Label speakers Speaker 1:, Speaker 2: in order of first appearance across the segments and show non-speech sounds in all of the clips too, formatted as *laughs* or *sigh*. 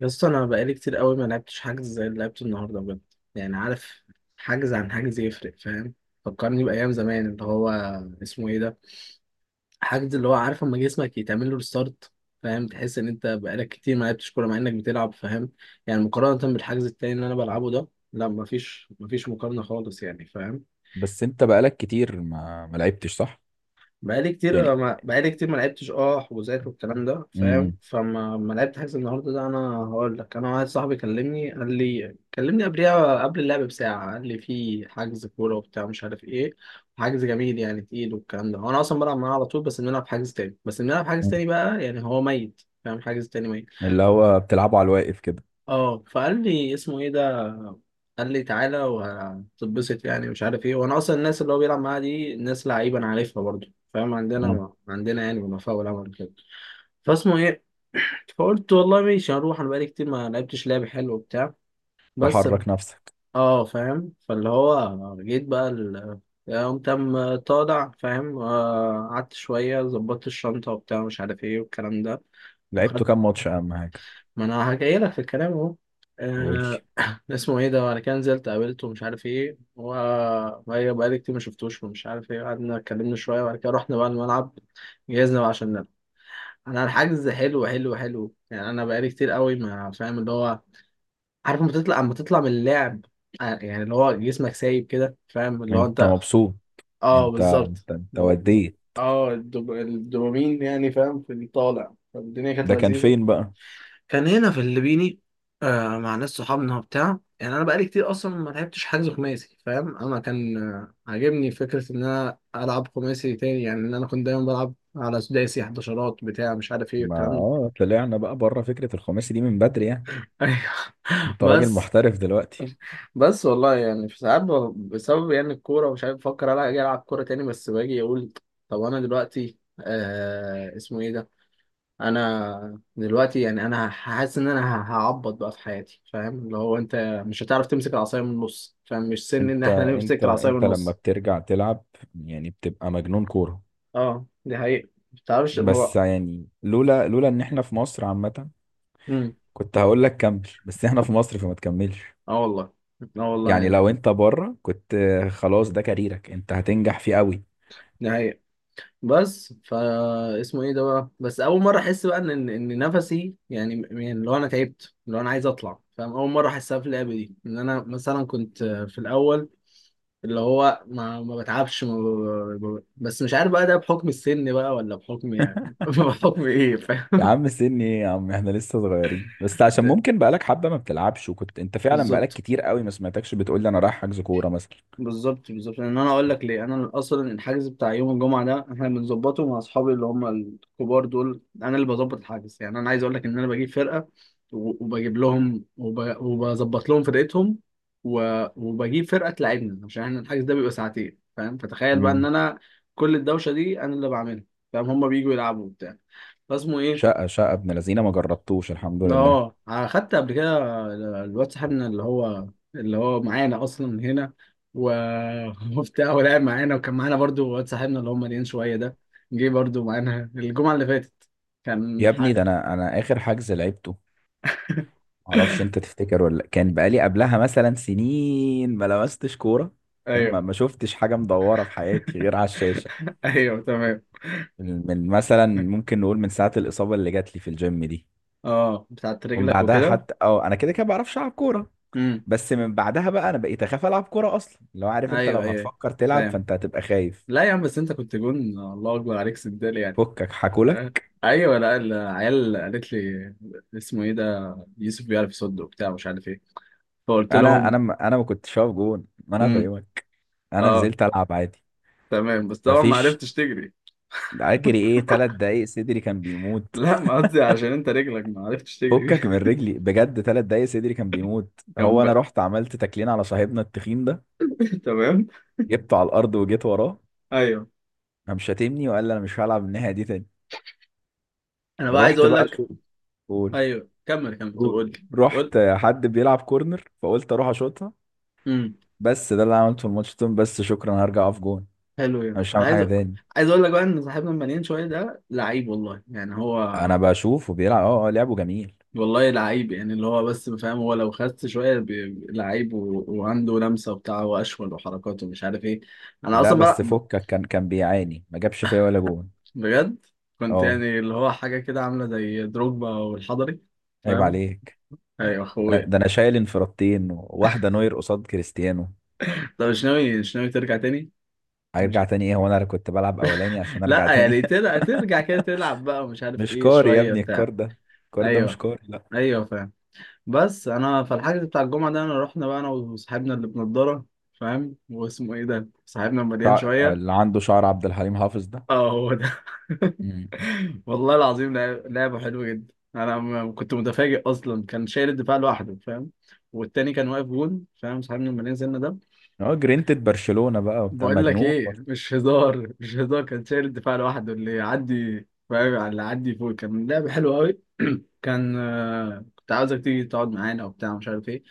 Speaker 1: يا اسطى انا بقالي كتير قوي ما لعبتش حجز زي اللي لعبته النهارده بجد. يعني عارف، حجز عن حجز يفرق. فاهم؟ فكرني بايام زمان اللي هو اسمه ايه ده. حجز اللي هو عارف اما جسمك يتعمل له ريستارت. فاهم؟ تحس ان انت بقالك كتير ما لعبتش كوره مع انك بتلعب. فاهم؟ يعني مقارنه بالحجز التاني اللي انا بلعبه ده. لا، مفيش مفيش مقارنه خالص يعني. فاهم؟
Speaker 2: بس انت بقالك كتير ما لعبتش، صح؟
Speaker 1: بقالي كتير
Speaker 2: يعني،
Speaker 1: ما بقالي كتير ما لعبتش حجوزات والكلام ده. فاهم؟
Speaker 2: مم.
Speaker 1: فما ما لعبت حجز النهارده ده. انا هقول لك، انا واحد صاحبي كلمني قال لي، كلمني قبلها قبل اللعب بساعه، قال لي في حجز كوره وبتاع مش عارف ايه. حجز جميل يعني تقيل والكلام ده. انا اصلا بلعب معاه على طول، بس بنلعب حجز تاني، بس بنلعب حجز
Speaker 2: مم.
Speaker 1: تاني بقى يعني هو ميت. فاهم؟ حجز تاني.
Speaker 2: اللي هو بتلعبه على الواقف كده.
Speaker 1: اه، فقال لي اسمه ايه ده، قال لي تعالى وهتتبسط يعني مش عارف ايه. وانا اصلا الناس اللي هو بيلعب معاها دي ناس لعيبه انا عارفها برضو. فاهم؟
Speaker 2: مم.
Speaker 1: عندنا يعني وفاء والعمل كده. فاسمه ايه؟ فقلت والله ماشي هروح، انا بقالي كتير ما لعبتش لعب حلو وبتاع. بس.
Speaker 2: تحرك نفسك.
Speaker 1: اه فاهم فاللي هو جيت بقى قمت قام طالع. فاهم؟ قعدت شويه ظبطت الشنطه وبتاع مش عارف ايه والكلام ده
Speaker 2: لعبته
Speaker 1: وخدت.
Speaker 2: كام ماتش؟ اهم حاجه
Speaker 1: ما انا هجيلك في الكلام اهو.
Speaker 2: قول لي.
Speaker 1: آه، اسمه ايه ده، وانا كان نزلت قابلته ومش عارف ايه و بقالي كتير ما شفتوش ومش عارف ايه. قعدنا اتكلمنا شويه وبعد كده رحنا بقى الملعب، جهزنا بقى عشان نلعب. انا الحجز حلو حلو حلو يعني، انا بقالي كتير قوي ما فاهم اللي هو. عارف لما تطلع اما تطلع من اللعب، يعني اللي هو جسمك سايب كده. فاهم؟ اللي هو
Speaker 2: انت
Speaker 1: انت،
Speaker 2: مبسوط؟
Speaker 1: اه
Speaker 2: انت
Speaker 1: بالظبط.
Speaker 2: انت انت وديت.
Speaker 1: اه الدوبامين يعني. فاهم؟ في الطالع، فالدنيا كانت
Speaker 2: ده كان
Speaker 1: لذيذه.
Speaker 2: فين بقى؟
Speaker 1: كان هنا في الليبيني، آه مع ناس صحابنا وبتاع. يعني انا بقالي كتير اصلا ما لعبتش حجز خماسي. فاهم؟ انا كان عاجبني فكره ان انا العب خماسي تاني، يعني ان انا كنت دايما بلعب على سداسي حداشرات بتاع مش عارف ايه
Speaker 2: ما
Speaker 1: الكلام ده.
Speaker 2: طلعنا بقى بره، فكره الخماسي دي من بدري يعني.
Speaker 1: *laughs* ايوه.
Speaker 2: انت راجل
Speaker 1: بس،
Speaker 2: محترف دلوقتي.
Speaker 1: بس والله يعني في ساعات بسبب يعني الكوره ومش عارف بفكر الا اجي العب كوره تاني، بس باجي اقول طب انا دلوقتي آه اسمه ايه ده. انا دلوقتي يعني انا حاسس ان انا هعبط بقى في حياتي. فاهم؟ اللي هو انت مش هتعرف تمسك العصايه من النص. فاهم؟ مش سن ان
Speaker 2: انت
Speaker 1: احنا
Speaker 2: انت
Speaker 1: نمسك العصايه من
Speaker 2: انت لما
Speaker 1: النص.
Speaker 2: بترجع تلعب، يعني بتبقى مجنون كوره.
Speaker 1: اه دي حقيقة ما بتعرفش
Speaker 2: بس
Speaker 1: ما.
Speaker 2: يعني، لولا ان احنا في مصر عامه،
Speaker 1: امم
Speaker 2: كنت هقول لك كمل، بس احنا في مصر فما تكملش.
Speaker 1: اه والله. اه والله
Speaker 2: يعني
Speaker 1: يعني.
Speaker 2: لو انت بره، كنت خلاص ده كاريرك، انت هتنجح فيه قوي.
Speaker 1: دي حقيقة. بس فا اسمه ايه ده بقى. بس اول مره احس بقى ان إن نفسي يعني، يعني اللي هو انا تعبت، اللي هو انا عايز اطلع. فاهم؟ اول مره احسها في اللعبه دي، ان انا مثلا كنت في الاول اللي هو ما بتعبش ما. بس مش عارف بقى، ده بحكم السن بقى ولا بحكم يعني *laughs*
Speaker 2: *laughs*
Speaker 1: بحكم ايه.
Speaker 2: يا
Speaker 1: فاهم؟
Speaker 2: عم سني ايه يا عم؟ احنا لسه صغيرين، بس عشان
Speaker 1: *laughs*
Speaker 2: ممكن بقالك حبة ما بتلعبش، وكنت انت فعلا بقالك
Speaker 1: بالظبط.
Speaker 2: كتير قوي ما سمعتكش بتقول لي انا رايح حجز كورة مثلا.
Speaker 1: بالظبط بالظبط لان انا اقول لك ليه. انا اصلا الحجز بتاع يوم الجمعه ده احنا بنظبطه مع اصحابي اللي هم الكبار دول، انا اللي بظبط الحجز. يعني انا عايز اقول لك ان انا بجيب فرقه وبجيب لهم وبظبط لهم فرقتهم و... وبجيب فرقه تلعبنا عشان احنا الحجز ده بيبقى ساعتين. فاهم؟ فتخيل بقى ان
Speaker 2: مم.
Speaker 1: انا كل الدوشه دي انا اللي بعملها. فاهم؟ هم بيجوا يلعبوا وبتاع. فاسمه ايه.
Speaker 2: شقة شقة ابن لذينه ما جربتوش، الحمد لله.
Speaker 1: اه خدت قبل كده. الواد صاحبنا اللي هو اللي هو معانا اصلا هنا و... *laughs* وبتاع. ولعب معانا وكان معانا برضو واد صاحبنا اللي هو مليان شويه ده، جه برضو معانا الجمعه اللي فاتت،
Speaker 2: يا
Speaker 1: كان
Speaker 2: ابني،
Speaker 1: حق.
Speaker 2: ده انا اخر حجز لعبته،
Speaker 1: *laughs*
Speaker 2: معرفش انت تفتكر ولا لأ. كان بقالي قبلها مثلا سنين ما لمستش كورة، فاهم، ما
Speaker 1: ايوه.
Speaker 2: ما شفتش حاجة مدورة في حياتي غير على الشاشة.
Speaker 1: *laughs* ايوه تمام.
Speaker 2: من مثلا، ممكن نقول من ساعة الإصابة اللي جات لي في الجيم دي.
Speaker 1: اه بتاعت
Speaker 2: ومن
Speaker 1: رجلك
Speaker 2: بعدها
Speaker 1: وكده.
Speaker 2: حتى، انا كده كده بعرفش العب كوره.
Speaker 1: امم
Speaker 2: بس من بعدها بقى، انا بقيت اخاف العب كوره اصلا. لو عارف انت، لو
Speaker 1: ايوه ايوه
Speaker 2: هتفكر تلعب،
Speaker 1: فاهم.
Speaker 2: فانت هتبقى خايف.
Speaker 1: لا يا عم، بس انت كنت جون الله اكبر عليك سندال يعني.
Speaker 2: فكك
Speaker 1: *laughs* آه.
Speaker 2: حكولك.
Speaker 1: ايوه لا، العيال قالت لي اسمه ايه ده، يوسف بيعرف يصد وبتاع مش عارف ايه. فقلت
Speaker 2: انا
Speaker 1: لهم
Speaker 2: انا ما- انا ما كنتش هقف جون، ما انا
Speaker 1: امم،
Speaker 2: فاهمك. انا
Speaker 1: اه
Speaker 2: نزلت العب عادي.
Speaker 1: تمام. بس طبعا ما
Speaker 2: مفيش،
Speaker 1: عرفتش تجري.
Speaker 2: اجري ايه؟ ثلاث دقايق صدري كان بيموت.
Speaker 1: لا
Speaker 2: *laughs*
Speaker 1: ما قصدي عشان انت رجلك ما عرفتش تجري بيها.
Speaker 2: فكك من رجلي بجد، ثلاث دقايق صدري كان بيموت.
Speaker 1: *laughs* كان
Speaker 2: هو انا
Speaker 1: بقى.
Speaker 2: رحت عملت تكلين على صاحبنا التخين ده،
Speaker 1: *laughs* تمام.
Speaker 2: جبته على الارض وجيت وراه.
Speaker 1: ايوه
Speaker 2: قام شاتمني وقال لي انا مش هلعب الناحيه دي تاني.
Speaker 1: انا بقى عايز
Speaker 2: رحت
Speaker 1: اقول
Speaker 2: بقى،
Speaker 1: لك.
Speaker 2: شو؟ قول.
Speaker 1: ايوه كمل كمل، طب
Speaker 2: جول.
Speaker 1: قول لي. قول.
Speaker 2: رحت حد بيلعب كورنر، فقلت اروح اشوطها.
Speaker 1: امم
Speaker 2: بس ده اللي أنا عملته في الماتش ده، بس شكرا، أنا هرجع اقف جون،
Speaker 1: حلو يعني.
Speaker 2: أنا مش هعمل
Speaker 1: عايز
Speaker 2: حاجه تاني.
Speaker 1: عايز اقول لك بقى ان صاحبنا المليان شويه ده لعيب والله يعني هو.
Speaker 2: انا بشوف، وبيلعب، لعبه جميل.
Speaker 1: والله لعيب يعني اللي هو بس. فاهم؟ هو لو خس شويه لعيب وعنده لمسه وبتاع واشول وحركات ومش عارف ايه. انا
Speaker 2: لا
Speaker 1: اصلا بقى،
Speaker 2: بس فكك، كان بيعاني، ما جابش فيا ولا جون.
Speaker 1: بجد كنت
Speaker 2: اه،
Speaker 1: يعني اللي هو حاجة كده عاملة زي دروجبا والحضري.
Speaker 2: عيب
Speaker 1: فاهم؟
Speaker 2: عليك.
Speaker 1: ايوه
Speaker 2: ده انا
Speaker 1: اخويا.
Speaker 2: ده انا شايل انفرادتين، واحده نوير قصاد كريستيانو.
Speaker 1: *laughs* طب مش ناوي، مش ناوي ترجع تاني.
Speaker 2: هيرجع
Speaker 1: مش...
Speaker 2: تاني ايه؟ هو انا كنت بلعب اولاني عشان ارجع
Speaker 1: لا
Speaker 2: تاني؟
Speaker 1: يعني ترجع ترجع كده تلعب بقى ومش
Speaker 2: *laughs*
Speaker 1: عارف
Speaker 2: مش
Speaker 1: ايه
Speaker 2: كاري يا
Speaker 1: شوية
Speaker 2: ابني
Speaker 1: بتاع.
Speaker 2: الكار ده، الكار ده مش
Speaker 1: ايوه
Speaker 2: كاري، لا.
Speaker 1: ايوه فاهم. بس انا فالحجز بتاع الجمعة ده، انا رحنا بقى انا وصاحبنا اللي بنضارة. فاهم؟ واسمه ايه ده صاحبنا المليان
Speaker 2: شع... اللي
Speaker 1: شوية.
Speaker 2: عنده شعر عبد الحليم حافظ ده.
Speaker 1: اه هو ده.
Speaker 2: مم.
Speaker 1: *laughs* والله العظيم لعبة حلوة جدا. انا كنت متفاجئ اصلا. كان شايل الدفاع لوحده. فاهم؟ والتاني كان واقف جون. فاهم؟ صاحبنا لما نزلنا ده.
Speaker 2: اه، جرينتد برشلونة بقى وبتاع،
Speaker 1: بقول لك
Speaker 2: مجنون
Speaker 1: ايه،
Speaker 2: برضه.
Speaker 1: مش هزار مش هزار، كان شايل الدفاع لوحده، اللي يعدي. فاهم؟ على اللي يعدي فوق. كان لعبة حلوة قوي. كان كنت عاوزك تيجي تقعد معانا وبتاع مش عارف ايه.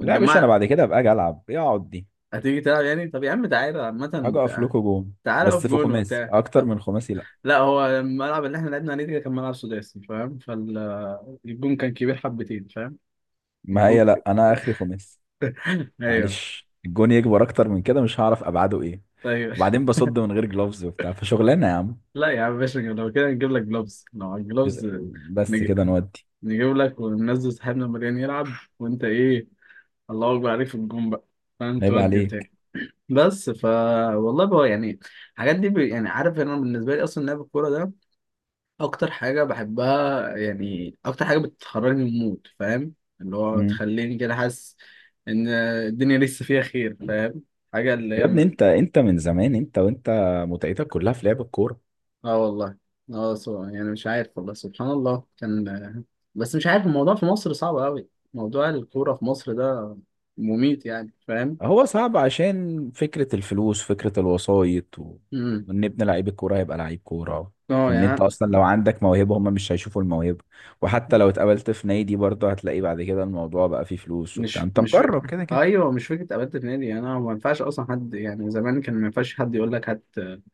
Speaker 2: لا يا باشا، انا بعد كده ابقى اجي العب إيه اقعد دي؟
Speaker 1: هتيجي تلعب يعني، طب يا عم تعالى
Speaker 2: هاجي
Speaker 1: عامة
Speaker 2: اقف لكم جون.
Speaker 1: تعالى اقف
Speaker 2: بس في
Speaker 1: جون
Speaker 2: خماسي
Speaker 1: وبتاع.
Speaker 2: اكتر من خماسي، لا.
Speaker 1: لا، هو الملعب اللي احنا لعبنا عليه ده كان ملعب سداسي. فاهم؟ فالجون كان كبير حبتين. فاهم؟
Speaker 2: ما هي
Speaker 1: الجون.
Speaker 2: لا، انا اخري خماسي.
Speaker 1: *laughs* ايوه.
Speaker 2: معلش، الجون يكبر اكتر من كده مش هعرف ابعاده ايه.
Speaker 1: ايوه
Speaker 2: وبعدين بصد من غير جلوفز وبتاع، فشغلانه يا عم.
Speaker 1: لا يا عم باشا، لو كده نجيب لك جلوفز، لو على
Speaker 2: إز-
Speaker 1: الجلوفز
Speaker 2: بس كده
Speaker 1: نجيب,
Speaker 2: نودي.
Speaker 1: نجيب لك وننزل صاحبنا مريان يلعب. وانت ايه، الله اكبر عليك في الجون بقى. فاهم؟
Speaker 2: عيب
Speaker 1: تودي بتاعي.
Speaker 2: عليك.
Speaker 1: بس ف. والله بقى يعني الحاجات دي يعني عارف، انا بالنسبه لي اصلا لعب الكوره ده اكتر حاجه بحبها. يعني اكتر حاجه بتخرجني من المود. فاهم؟ اللي هو
Speaker 2: مم.
Speaker 1: تخليني كده حاسس ان الدنيا لسه فيها خير. فاهم؟ حاجه اللي
Speaker 2: يا
Speaker 1: هي
Speaker 2: ابني، انت من زمان، انت وانت متعتك كلها في لعب الكوره.
Speaker 1: اه والله. اه يعني مش عارف والله سبحان الله كان. بس مش عارف الموضوع في مصر صعب قوي. موضوع الكوره في مصر ده مميت يعني. فاهم؟
Speaker 2: هو صعب عشان فكرة الفلوس، فكرة الوسايط و...
Speaker 1: امم
Speaker 2: وان ابن لعيب الكورة هيبقى لعيب كورة،
Speaker 1: اه
Speaker 2: وان انت
Speaker 1: يعني.
Speaker 2: اصلا لو عندك موهبة هم مش هيشوفوا الموهبة، وحتى لو اتقابلت في نادي برضه هتلاقي بعد كده الموضوع بقى فيه فلوس وبتاع،
Speaker 1: مش
Speaker 2: انت
Speaker 1: مش ف...
Speaker 2: مجرب كده كده.
Speaker 1: ايوه مش فكره ابات النادي. انا ما ينفعش اصلا حد يعني. زمان كان ما ينفعش حد يقول لك هات،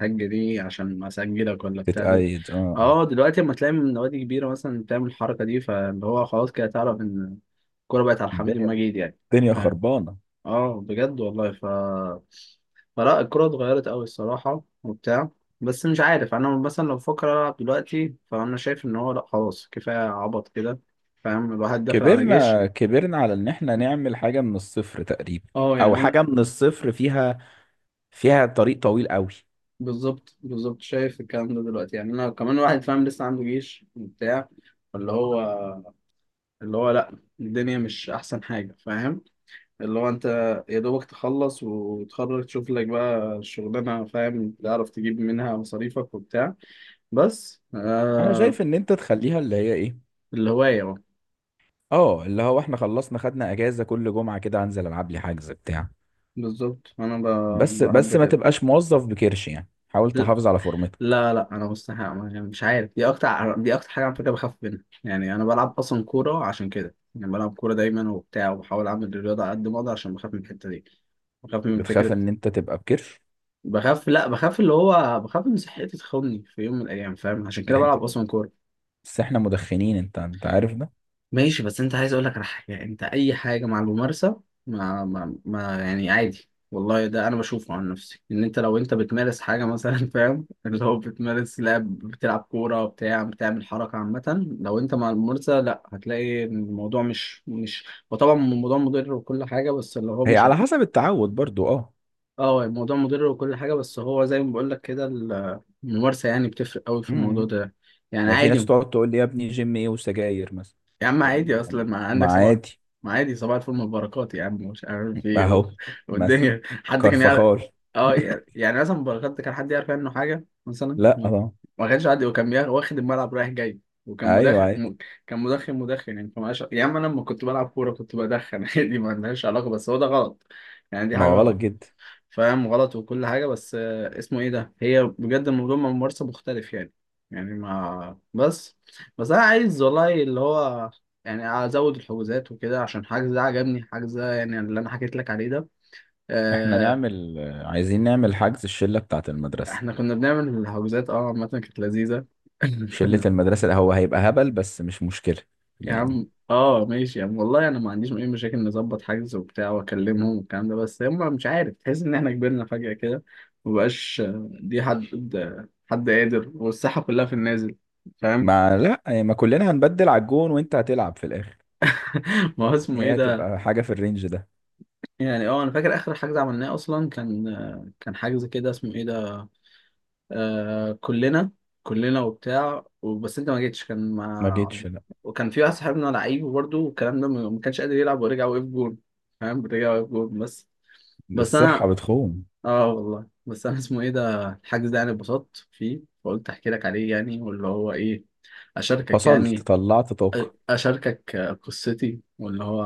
Speaker 1: هات جنيه عشان ما اسجلك ولا بتاع
Speaker 2: تتقيد، اه، آه.
Speaker 1: اه دلوقتي اما تلاقي من نوادي كبيره مثلا بتعمل الحركه دي. فاللي هو خلاص كده تعرف ان الكوره بقت على حميد
Speaker 2: الدنيا
Speaker 1: المجيد يعني.
Speaker 2: الدنيا
Speaker 1: فاهم؟
Speaker 2: خربانة.
Speaker 1: اه بجد والله ف. فلا الكوره اتغيرت قوي الصراحه وبتاع. بس مش عارف، انا مثلا لو بفكر العب دلوقتي فانا شايف ان هو لا، خلاص كفايه عبط كده. فاهم؟ الواحد داخل على جيش.
Speaker 2: كبرنا كبرنا على ان احنا نعمل حاجة من الصفر تقريبا،
Speaker 1: اه
Speaker 2: او
Speaker 1: يعني انا
Speaker 2: حاجة من الصفر فيها، فيها طريق طويل قوي.
Speaker 1: بالظبط بالظبط. شايف الكلام ده دلوقتي؟ يعني انا كمان واحد. فاهم؟ لسه عنده جيش وبتاع. اللي هو اللي هو لا، الدنيا مش احسن حاجه. فاهم؟ اللي هو انت يا دوبك تخلص وتخرج تشوف لك بقى الشغلانه. فاهم؟ تعرف تجيب منها مصاريفك وبتاع. بس
Speaker 2: انا
Speaker 1: آه.
Speaker 2: شايف ان انت تخليها اللي هي ايه،
Speaker 1: الهوايه بقى.
Speaker 2: اه اللي هو احنا خلصنا، خدنا اجازه، كل جمعه كده هنزل العب لي حجز بتاع.
Speaker 1: بالظبط انا
Speaker 2: بس
Speaker 1: بحب
Speaker 2: بس ما
Speaker 1: كده.
Speaker 2: تبقاش موظف بكرش، يعني حاول تحافظ على فورمتك.
Speaker 1: لا لا، انا مستحيل يعني مش عارف، دي اكتر، دي اكتر حاجه على فكره بخاف منها. يعني انا بلعب اصلا كوره عشان كده. يعني بلعب كوره دايما وبتاع، وبحاول اعمل الرياضه على قد ما اقدر عشان بخاف من الحته دي. بخاف من
Speaker 2: بتخاف
Speaker 1: فكره.
Speaker 2: ان انت تبقى بكرش؟
Speaker 1: بخاف، لا بخاف اللي هو بخاف ان صحتي تخوني في يوم من الايام. فاهم؟ عشان كده
Speaker 2: يعني،
Speaker 1: بلعب اصلا كوره.
Speaker 2: بس احنا مدخنين، انت عارف ده.
Speaker 1: ماشي بس انت عايز اقول لك على حاجه يعني. انت اي حاجه مع الممارسه ما يعني عادي. والله ده انا بشوفه عن نفسي، ان انت لو انت بتمارس حاجه مثلا *laughs* فاهم اللي هو بتمارس لعب بتلعب كوره بتاع بتعمل حركه عامه، لو انت مع الممارسه لا، هتلاقي إن الموضوع مش وطبعا الموضوع مضر وكل حاجه، بس اللي هو
Speaker 2: هي
Speaker 1: مش
Speaker 2: على
Speaker 1: هت...
Speaker 2: حسب التعود برضو، اه.
Speaker 1: اه الموضوع مضر وكل حاجه بس هو زي ما بقول لك كده. الممارسه يعني بتفرق قوي في الموضوع
Speaker 2: امم
Speaker 1: ده. يعني
Speaker 2: يعني في ناس
Speaker 1: عادي.
Speaker 2: تقعد تقول لي يا ابني جيم ايه وسجاير مثلا.
Speaker 1: يا عم عادي، اصلا ما
Speaker 2: ما
Speaker 1: عندك صباح.
Speaker 2: عادي.
Speaker 1: ما عادي صباح الفل مباركات يا عم مش عارف ايه
Speaker 2: اهو،
Speaker 1: *laughs*
Speaker 2: مثلا،
Speaker 1: والدنيا حد كان يعرف.
Speaker 2: كرفخال.
Speaker 1: اه
Speaker 2: *laughs*
Speaker 1: يعني يعني مثلا مباركات كان حد يعرف عنه حاجه مثلا
Speaker 2: لا،
Speaker 1: ما،
Speaker 2: اه.
Speaker 1: ما كانش حد. وكان واخد الملعب رايح جاي، وكان
Speaker 2: ايوه
Speaker 1: مدخن
Speaker 2: عادي.
Speaker 1: كان مدخن مدخن يعني يا عم انا لما كنت بلعب كوره كنت بدخن *laughs* عادي ما عندهاش علاقه. بس هو ده غلط يعني. دي
Speaker 2: ما هو غلط
Speaker 1: حاجه.
Speaker 2: جدا.
Speaker 1: فاهم؟ غلط وكل حاجة، بس اسمه ايه ده، هي بجد الموضوع من ممارسة مختلف يعني. يعني ما بس بس انا عايز والله اللي هو يعني ازود الحجوزات وكده عشان حجز ده عجبني. حجز ده يعني اللي انا حكيت لك عليه ده.
Speaker 2: احنا
Speaker 1: آه،
Speaker 2: نعمل، عايزين نعمل حجز الشله بتاعت المدرسه.
Speaker 1: احنا كنا بنعمل الحجوزات، اه عامة كانت لذيذة. *laughs*
Speaker 2: شلة
Speaker 1: كنا.
Speaker 2: المدرسة هو هيبقى هبل، بس مش مشكلة
Speaker 1: يا
Speaker 2: يعني.
Speaker 1: عم اه ماشي يا عم، والله انا ما عنديش اي مشاكل، نظبط حجز وبتاع واكلمهم والكلام ده. بس هم مش عارف، تحس ان احنا كبرنا فجأة كده، مبقاش. دي حد، حد قادر، والساحة كلها في النازل. فاهم؟
Speaker 2: ما لا، يعني ما كلنا هنبدل على الجون، وانت هتلعب في الاخر.
Speaker 1: *laughs* ما هو اسمه ايه
Speaker 2: هي
Speaker 1: ده.
Speaker 2: هتبقى حاجة في الرينج ده.
Speaker 1: يعني اه انا فاكر اخر حجز عملناه اصلا كان، كان حجز كده اسمه ايه ده، آه كلنا كلنا وبتاع. بس انت ما جيتش، كان
Speaker 2: ما
Speaker 1: مع.
Speaker 2: جيتش، لا.
Speaker 1: وكان في واحد صاحبنا لعيب برضه والكلام ده، ما كانش قادر يلعب ورجع وقف جون. فاهم؟ رجع وقف جون بس. بس
Speaker 2: الصحة
Speaker 1: انا
Speaker 2: بتخون.
Speaker 1: اه والله، بس انا اسمه ايه ده، الحجز ده يعني اتبسطت فيه فقلت احكي لك عليه يعني، واللي هو ايه، اشاركك
Speaker 2: فصلت،
Speaker 1: يعني.
Speaker 2: طلعت طاقة.
Speaker 1: اشاركك قصتي، واللي هو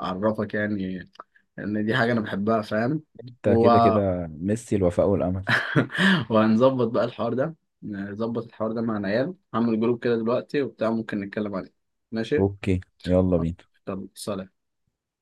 Speaker 1: اعرفك يعني ان دي حاجه انا بحبها. فاهم؟
Speaker 2: انت
Speaker 1: و...
Speaker 2: كده
Speaker 1: *laughs*
Speaker 2: كده ميسي الوفاء والأمل.
Speaker 1: وهنظبط بقى الحوار ده. نظبط الحوار ده مع العيال، هعمل جروب كده دلوقتي وبتاع ممكن نتكلم عليه. ماشي
Speaker 2: اوكي، يلا بينا.
Speaker 1: يلا سلام.